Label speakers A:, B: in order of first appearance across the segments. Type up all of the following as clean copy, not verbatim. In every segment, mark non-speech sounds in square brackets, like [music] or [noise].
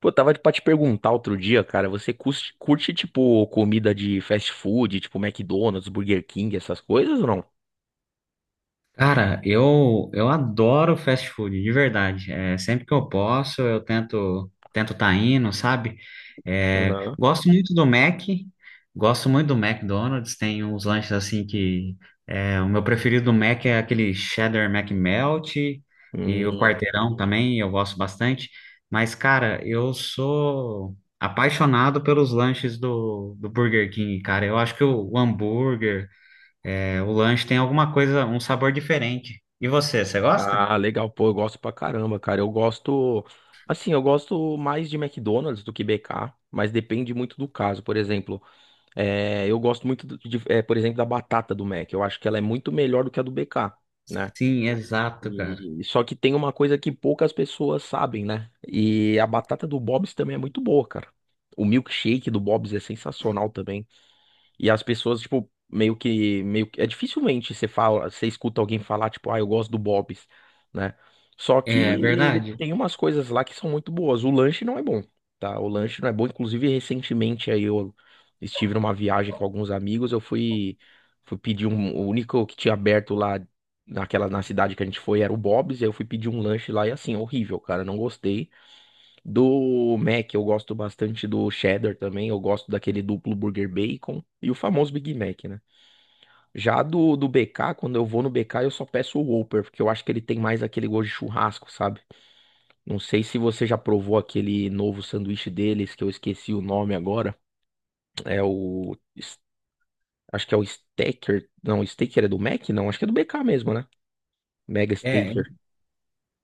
A: Pô, tava pra te perguntar outro dia, cara, você curte, tipo, comida de fast food, tipo McDonald's, Burger King, essas coisas ou não?
B: Cara, eu adoro fast food, de verdade. Sempre que eu posso, eu tento tá indo, sabe?
A: Aham.
B: Gosto muito do Mac, gosto muito do McDonald's. Tem uns lanches assim que o meu preferido do Mac é aquele cheddar McMelt e o
A: Hum,
B: quarteirão também, eu gosto bastante. Mas, cara, eu sou apaixonado pelos lanches do Burger King, cara. Eu acho que o hambúrguer. O lanche tem alguma coisa, um sabor diferente. E você gosta?
A: ah, legal, pô, eu gosto pra caramba, cara. Eu gosto, assim, eu gosto mais de McDonald's do que BK, mas depende muito do caso. Por exemplo, eu gosto muito, de, por exemplo, da batata do Mac. Eu acho que ela é muito melhor do que a do BK, né?
B: Sim, exato, cara.
A: E só que tem uma coisa que poucas pessoas sabem, né? E a batata do Bob's também é muito boa, cara. O milkshake do Bob's é sensacional e as pessoas, tipo, meio que, dificilmente você escuta alguém falar, tipo, ah, eu gosto do Bob's, né? Só que
B: É
A: ele
B: verdade.
A: tem umas coisas lá que são muito boas. O lanche não é bom, tá? O lanche não é bom. Inclusive, recentemente aí eu estive numa viagem com alguns amigos, eu fui, fui pedir um, o único que tinha aberto lá na cidade que a gente foi era o Bob's, e aí eu fui pedir um lanche lá e assim, horrível, cara, não gostei. Do Mac, eu gosto bastante do cheddar também. Eu gosto daquele duplo burger bacon e o famoso Big Mac, né? Já do BK, quando eu vou no BK, eu só peço o Whopper, porque eu acho que ele tem mais aquele gosto de churrasco, sabe? Não sei se você já provou aquele novo sanduíche deles, que eu esqueci o nome agora. É o. es- Acho que é o Stacker. Não, o Staker é do Mac? Não, acho que é do BK mesmo, né? Mega
B: É,
A: Staker.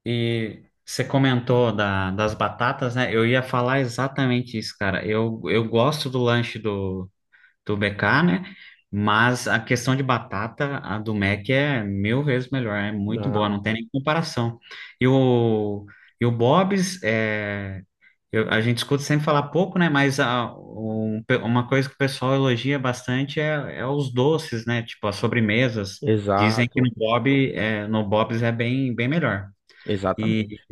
B: e você comentou das batatas, né? Eu ia falar exatamente isso, cara. Eu gosto do lanche do BK, né? Mas a questão de batata, a do Mac é mil vezes melhor. É muito
A: Ah,
B: boa, não tem nem comparação. E o, e o Bob's. A gente escuta sempre falar pouco, né? Mas uma coisa que o pessoal elogia bastante é os doces, né? Tipo, as sobremesas. Dizem que
A: exato,
B: No Bob's é bem, bem melhor. E
A: exatamente.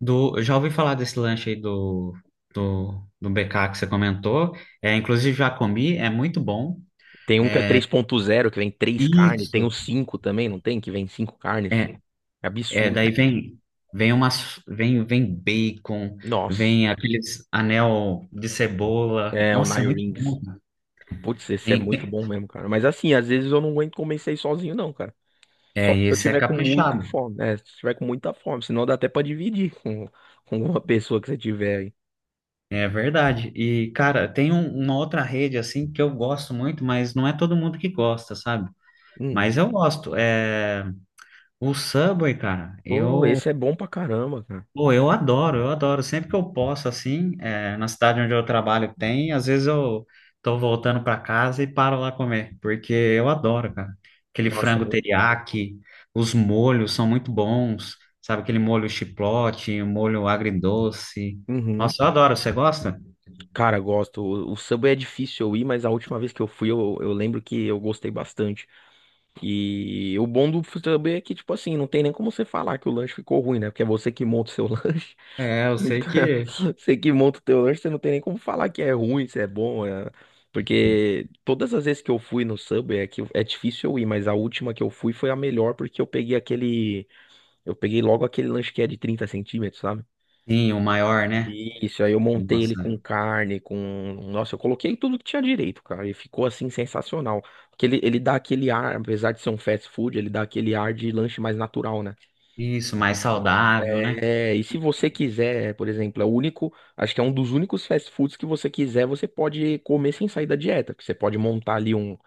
B: eu já ouvi falar desse lanche aí do BK que você comentou. Inclusive, já comi, é muito bom.
A: Tem um que é 3.0, que vem três carnes. Tem
B: Isso.
A: o 5 também, não tem? Que vem cinco carnes.
B: É,
A: É absurdo,
B: Daí
A: assim.
B: vem umas vem bacon,
A: Nossa.
B: vem aqueles anel de cebola.
A: É, o
B: Nossa, é
A: Nine
B: muito
A: Rings.
B: bom.
A: Putz, esse é
B: Tem,
A: muito bom mesmo, cara. Mas assim, às vezes eu não aguento comer isso aí sozinho, não, cara. Só se eu
B: Esse é
A: tiver com muita
B: caprichado.
A: fome, né? Se tiver com muita fome, senão dá até pra dividir com, uma pessoa que você tiver aí.
B: É verdade. E, cara, tem uma outra rede, assim, que eu gosto muito, mas não é todo mundo que gosta, sabe?
A: Hum.
B: Mas eu gosto. O Subway, cara,
A: Pô,
B: eu
A: esse é bom pra caramba, cara.
B: Pô, eu adoro, eu adoro. Sempre que eu posso, assim, na cidade onde eu trabalho tem, às vezes eu tô voltando para casa e paro lá comer, porque eu adoro, cara. Aquele
A: Nossa, é
B: frango
A: muito bom.
B: teriyaki, os molhos são muito bons, sabe? Aquele molho chipotle, o molho agridoce.
A: Uhum.
B: Nossa, eu adoro. Você gosta?
A: Cara, gosto. O Subway é difícil eu ir, mas a última vez que eu fui, eu lembro que eu gostei bastante. E o bom do Subway é que, tipo assim, não tem nem como você falar que o lanche ficou ruim, né? Porque é você que monta o seu [laughs] lanche.
B: É, eu sei
A: Então,
B: que.
A: [laughs] você que monta o teu lanche, você não tem nem como falar que é ruim, se é bom. Porque todas as vezes que eu fui no Subway, é que é difícil eu ir, mas a última que eu fui foi a melhor, porque eu peguei aquele. Eu peguei logo aquele lanche que é de 30 centímetros, sabe?
B: Sim, o maior, né?
A: Isso, aí eu montei ele com
B: Nossa,
A: carne, com. Nossa, eu coloquei tudo que tinha direito, cara. E ficou assim sensacional. Porque ele dá aquele ar, apesar de ser um fast food, ele dá aquele ar de lanche mais natural, né?
B: isso, mais
A: Então,
B: saudável, né?
A: e se você quiser, por exemplo, é o único, acho que é um dos únicos fast foods que você quiser, você pode comer sem sair da dieta. Que você pode montar ali um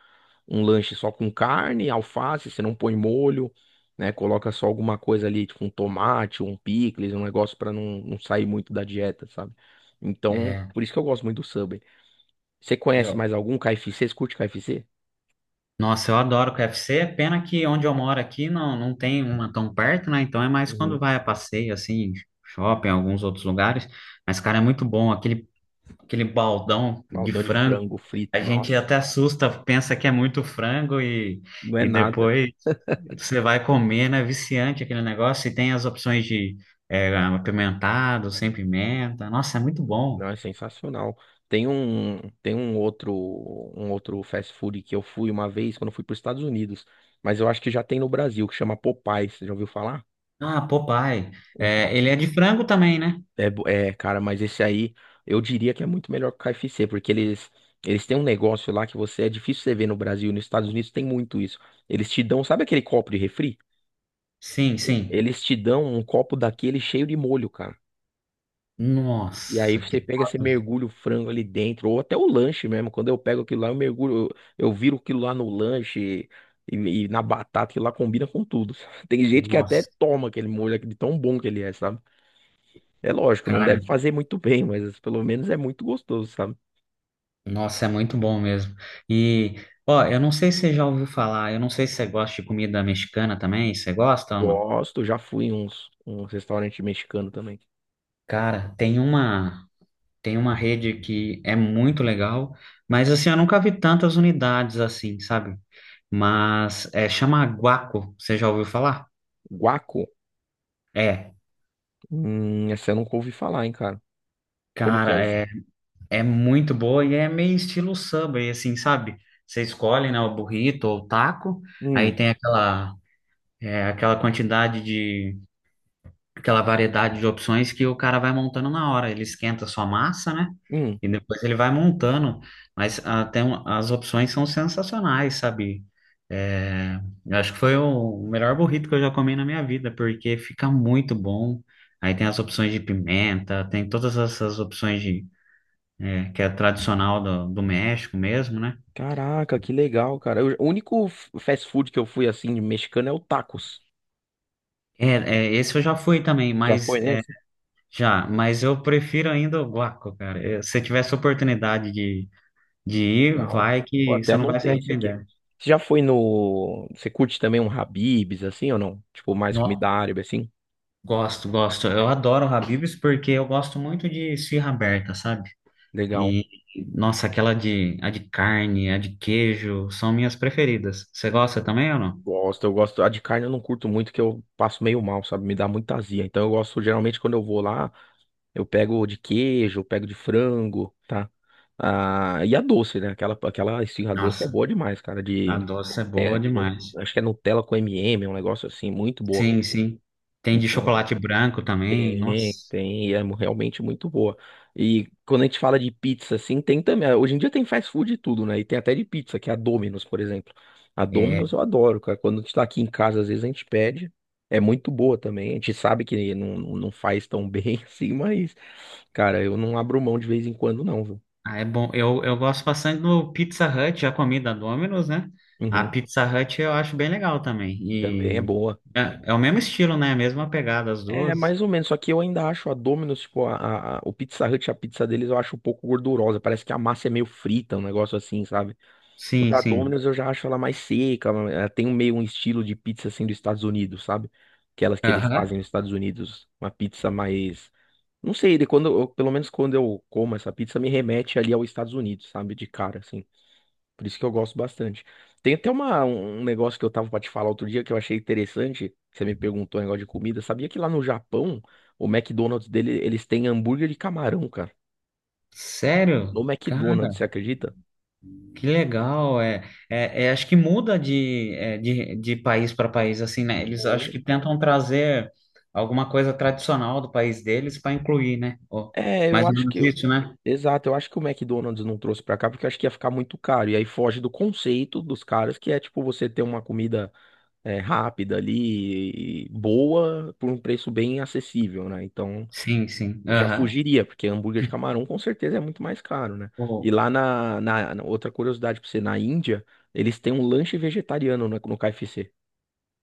A: um lanche só com carne, alface, você não põe molho, né? Coloca só alguma coisa ali, tipo um tomate, um picles, um negócio pra não sair muito da dieta, sabe? Então,
B: É,
A: por isso que eu gosto muito do Subway. Você
B: e
A: conhece
B: eu
A: mais algum KFC? Você curte KFC?
B: Nossa, eu adoro o KFC, pena que onde eu moro aqui não tem uma tão perto, né? Então é mais quando
A: Uhum.
B: vai a passeio, assim, shopping, alguns outros lugares. Mas, cara, é muito bom, aquele baldão de
A: Baldão de
B: frango.
A: frango
B: A
A: frito,
B: gente
A: nossa,
B: até assusta, pensa que é muito frango e,
A: não é
B: e
A: nada,
B: depois você vai comer, né? É viciante aquele negócio. E tem as opções de apimentado, sem pimenta. Nossa, é muito bom.
A: não é sensacional. Tem um outro fast food que eu fui uma vez quando eu fui para os Estados Unidos, mas eu acho que já tem no Brasil, que chama Popeyes, você já ouviu falar?
B: Ah, Popeye. É, ele é de frango também, né?
A: É. Cara, mas esse aí eu diria que é muito melhor que o KFC, porque eles têm um negócio lá que você é difícil você ver no Brasil, nos Estados Unidos tem muito isso. Eles te dão, sabe aquele copo de refri?
B: Sim, sim.
A: Eles te dão um copo daquele cheio de molho, cara. E aí
B: Nossa, que
A: você pega, você
B: top.
A: mergulha o frango ali dentro, ou até o lanche mesmo. Quando eu pego aquilo lá, eu mergulho, eu viro aquilo lá no lanche e, e na batata, que lá combina com tudo. [laughs] Tem gente que até
B: Nossa,
A: toma aquele molho aqui de tão bom que ele é, sabe? É lógico, não
B: cara,
A: deve fazer muito bem, mas pelo menos é muito gostoso, sabe?
B: nossa, é muito bom mesmo. E, ó, eu não sei se você já ouviu falar, eu não sei se você gosta de comida mexicana também, você gosta ou não?
A: Gosto, já fui em um restaurante mexicano também.
B: Cara, tem uma rede que é muito legal, mas assim, eu nunca vi tantas unidades assim, sabe? Mas chama Guaco, você já ouviu falar?
A: Guaco?
B: É,
A: Essa eu nunca ouvi falar, hein, cara. Como que é
B: Cara,
A: isso?
B: é muito boa e é meio estilo Subway, assim, sabe? Você escolhe, né, o burrito ou o taco, aí
A: Hum,
B: tem aquela, é, aquela quantidade de aquela variedade de opções que o cara vai montando na hora. Ele esquenta sua massa, né?
A: hum.
B: E depois ele vai montando. Mas tem as opções são sensacionais, sabe? É, eu acho que foi o melhor burrito que eu já comi na minha vida, porque fica muito bom. Aí tem as opções de pimenta, tem todas essas opções que é tradicional do México mesmo, né?
A: Caraca, que legal, cara. O único fast food que eu fui assim, de mexicano, é o tacos.
B: É, Esse eu já fui também,
A: Já
B: mas
A: foi
B: é,
A: nesse?
B: já, mas eu prefiro ainda o guaco, cara. Se eu tivesse oportunidade de ir,
A: Legal.
B: vai
A: Pô,
B: que
A: até
B: você não vai se
A: anotei isso aqui.
B: arrepender.
A: Você já foi no. Você curte também um Habib's, assim, ou não? Tipo, mais comida
B: No-
A: árabe, assim?
B: Gosto, gosto. Eu adoro Habib's porque eu gosto muito de esfirra aberta, sabe?
A: Legal.
B: E, nossa, a de carne, a de queijo, são minhas preferidas. Você gosta também ou não?
A: Gosto, eu gosto. A de carne eu não curto muito, que eu passo meio mal, sabe? Me dá muita azia. Então eu gosto, geralmente, quando eu vou lá. Eu pego de queijo, eu pego de frango, tá? Ah, e a doce, né? Aquela esfirra doce é
B: Nossa,
A: boa demais, cara.
B: a
A: De,
B: doce é
A: é,
B: boa
A: de nu-
B: demais.
A: acho que é Nutella com M&M, é um negócio assim, muito boa.
B: Sim, sim. Tem de
A: Então,
B: chocolate branco também,
A: tem,
B: nossa.
A: tem, e é realmente muito boa. E quando a gente fala de pizza, assim, tem também. Hoje em dia tem fast food e tudo, né? E tem até de pizza, que é a Domino's, por exemplo. A Domino's
B: é
A: eu adoro, cara. Quando a gente tá aqui em casa, às vezes a gente pede. É muito boa também. A gente sabe que não faz tão [laughs] bem assim, mas, cara, eu não abro mão de vez em quando, não, viu?
B: Ah, é bom. Eu gosto bastante do Pizza Hut, a comida Domino's, né? A
A: Uhum.
B: Pizza Hut eu acho bem legal também.
A: Também é
B: E
A: boa.
B: é, é o mesmo estilo, né? A mesma pegada, as
A: É,
B: duas.
A: mais ou menos, só que eu ainda acho a Domino's, tipo, o Pizza Hut, a pizza deles, eu acho um pouco gordurosa. Parece que a massa é meio frita, um negócio assim, sabe? O
B: Sim,
A: da
B: sim.
A: Domino's eu já acho ela mais seca, ela tem um meio um estilo de pizza assim dos Estados Unidos, sabe? Aquelas que eles
B: Aham.
A: fazem nos Estados Unidos, uma pizza mais, não sei, pelo menos quando eu como essa pizza me remete ali aos Estados Unidos, sabe? De cara assim. Por isso que eu gosto bastante. Tem até um negócio que eu tava pra te falar outro dia que eu achei interessante, que você me perguntou um negócio de comida. Sabia que lá no Japão, o McDonald's dele, eles têm hambúrguer de camarão, cara.
B: Sério?
A: No
B: Cara,
A: McDonald's, você acredita?
B: que legal. Acho que muda de país para país, assim, né? Eles acho
A: Bom.
B: que tentam trazer alguma coisa tradicional do país deles para incluir, né? Ó,
A: É. eu
B: mais ou
A: acho
B: menos
A: que
B: isso, né?
A: Exato, eu acho que o McDonald's não trouxe pra cá porque eu acho que ia ficar muito caro. E aí foge do conceito dos caras, que é tipo você ter uma comida rápida ali, e boa, por um preço bem acessível, né? Então
B: Sim, sim.
A: eu já
B: Aham.
A: fugiria, porque hambúrguer de camarão com certeza é muito mais caro, né? E
B: Pô,
A: lá outra curiosidade pra você, na Índia, eles têm um lanche vegetariano no KFC.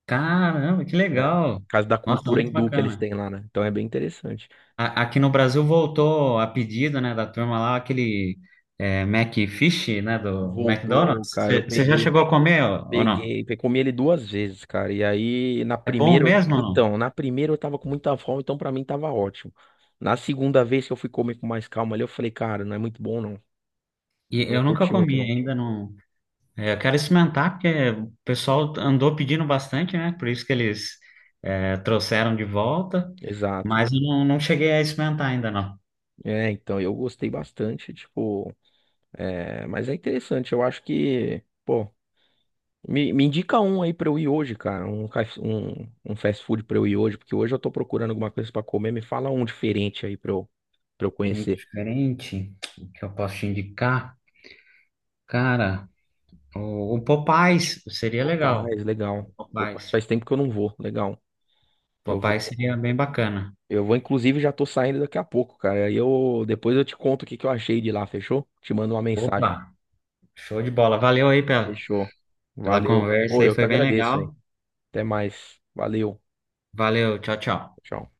B: caramba, que
A: É.
B: legal!
A: Por causa da
B: Nossa,
A: cultura
B: muito
A: hindu que eles
B: bacana.
A: têm lá, né? Então é bem interessante.
B: Aqui no Brasil voltou a pedido, né, da turma lá, aquele McFish, né, do
A: Voltou,
B: McDonald's.
A: cara, eu
B: Você já
A: peguei.
B: chegou a comer ou não?
A: Comi ele duas vezes, cara. E aí, na
B: É bom
A: primeira,
B: mesmo ou não?
A: então, na primeira eu tava com muita fome, então pra mim tava ótimo. Na segunda vez que eu fui comer com mais calma ali, eu falei, cara, não é muito bom não.
B: E
A: Não
B: eu nunca
A: curti muito
B: comi,
A: não.
B: ainda não. É, eu quero experimentar, porque o pessoal andou pedindo bastante, né, por isso que eles trouxeram de volta,
A: Exato.
B: mas eu não cheguei a experimentar ainda, não.
A: Então, eu gostei bastante, tipo, mas é interessante, eu acho que, pô, me indica um aí pra eu ir hoje, cara, um fast food pra eu ir hoje, porque hoje eu tô procurando alguma coisa pra comer, me fala um diferente aí pra eu
B: Um
A: conhecer.
B: diferente, que eu posso te indicar, cara. O Popeyes seria legal.
A: Popeyes, legal.
B: O
A: Popeyes
B: Popeyes.
A: faz tempo que eu não vou. Legal. Eu vou.
B: Popeyes seria bem bacana.
A: Eu vou, inclusive, já tô saindo daqui a pouco, cara. Aí eu depois eu te conto o que que eu achei de lá, fechou? Te mando uma
B: Opa,
A: mensagem, ó.
B: show de bola. Valeu aí pela,
A: Fechou.
B: pela
A: Valeu.
B: conversa
A: Pô,
B: aí,
A: eu que
B: foi bem
A: agradeço, hein.
B: legal.
A: Até mais. Valeu.
B: Valeu, tchau, tchau.
A: Tchau.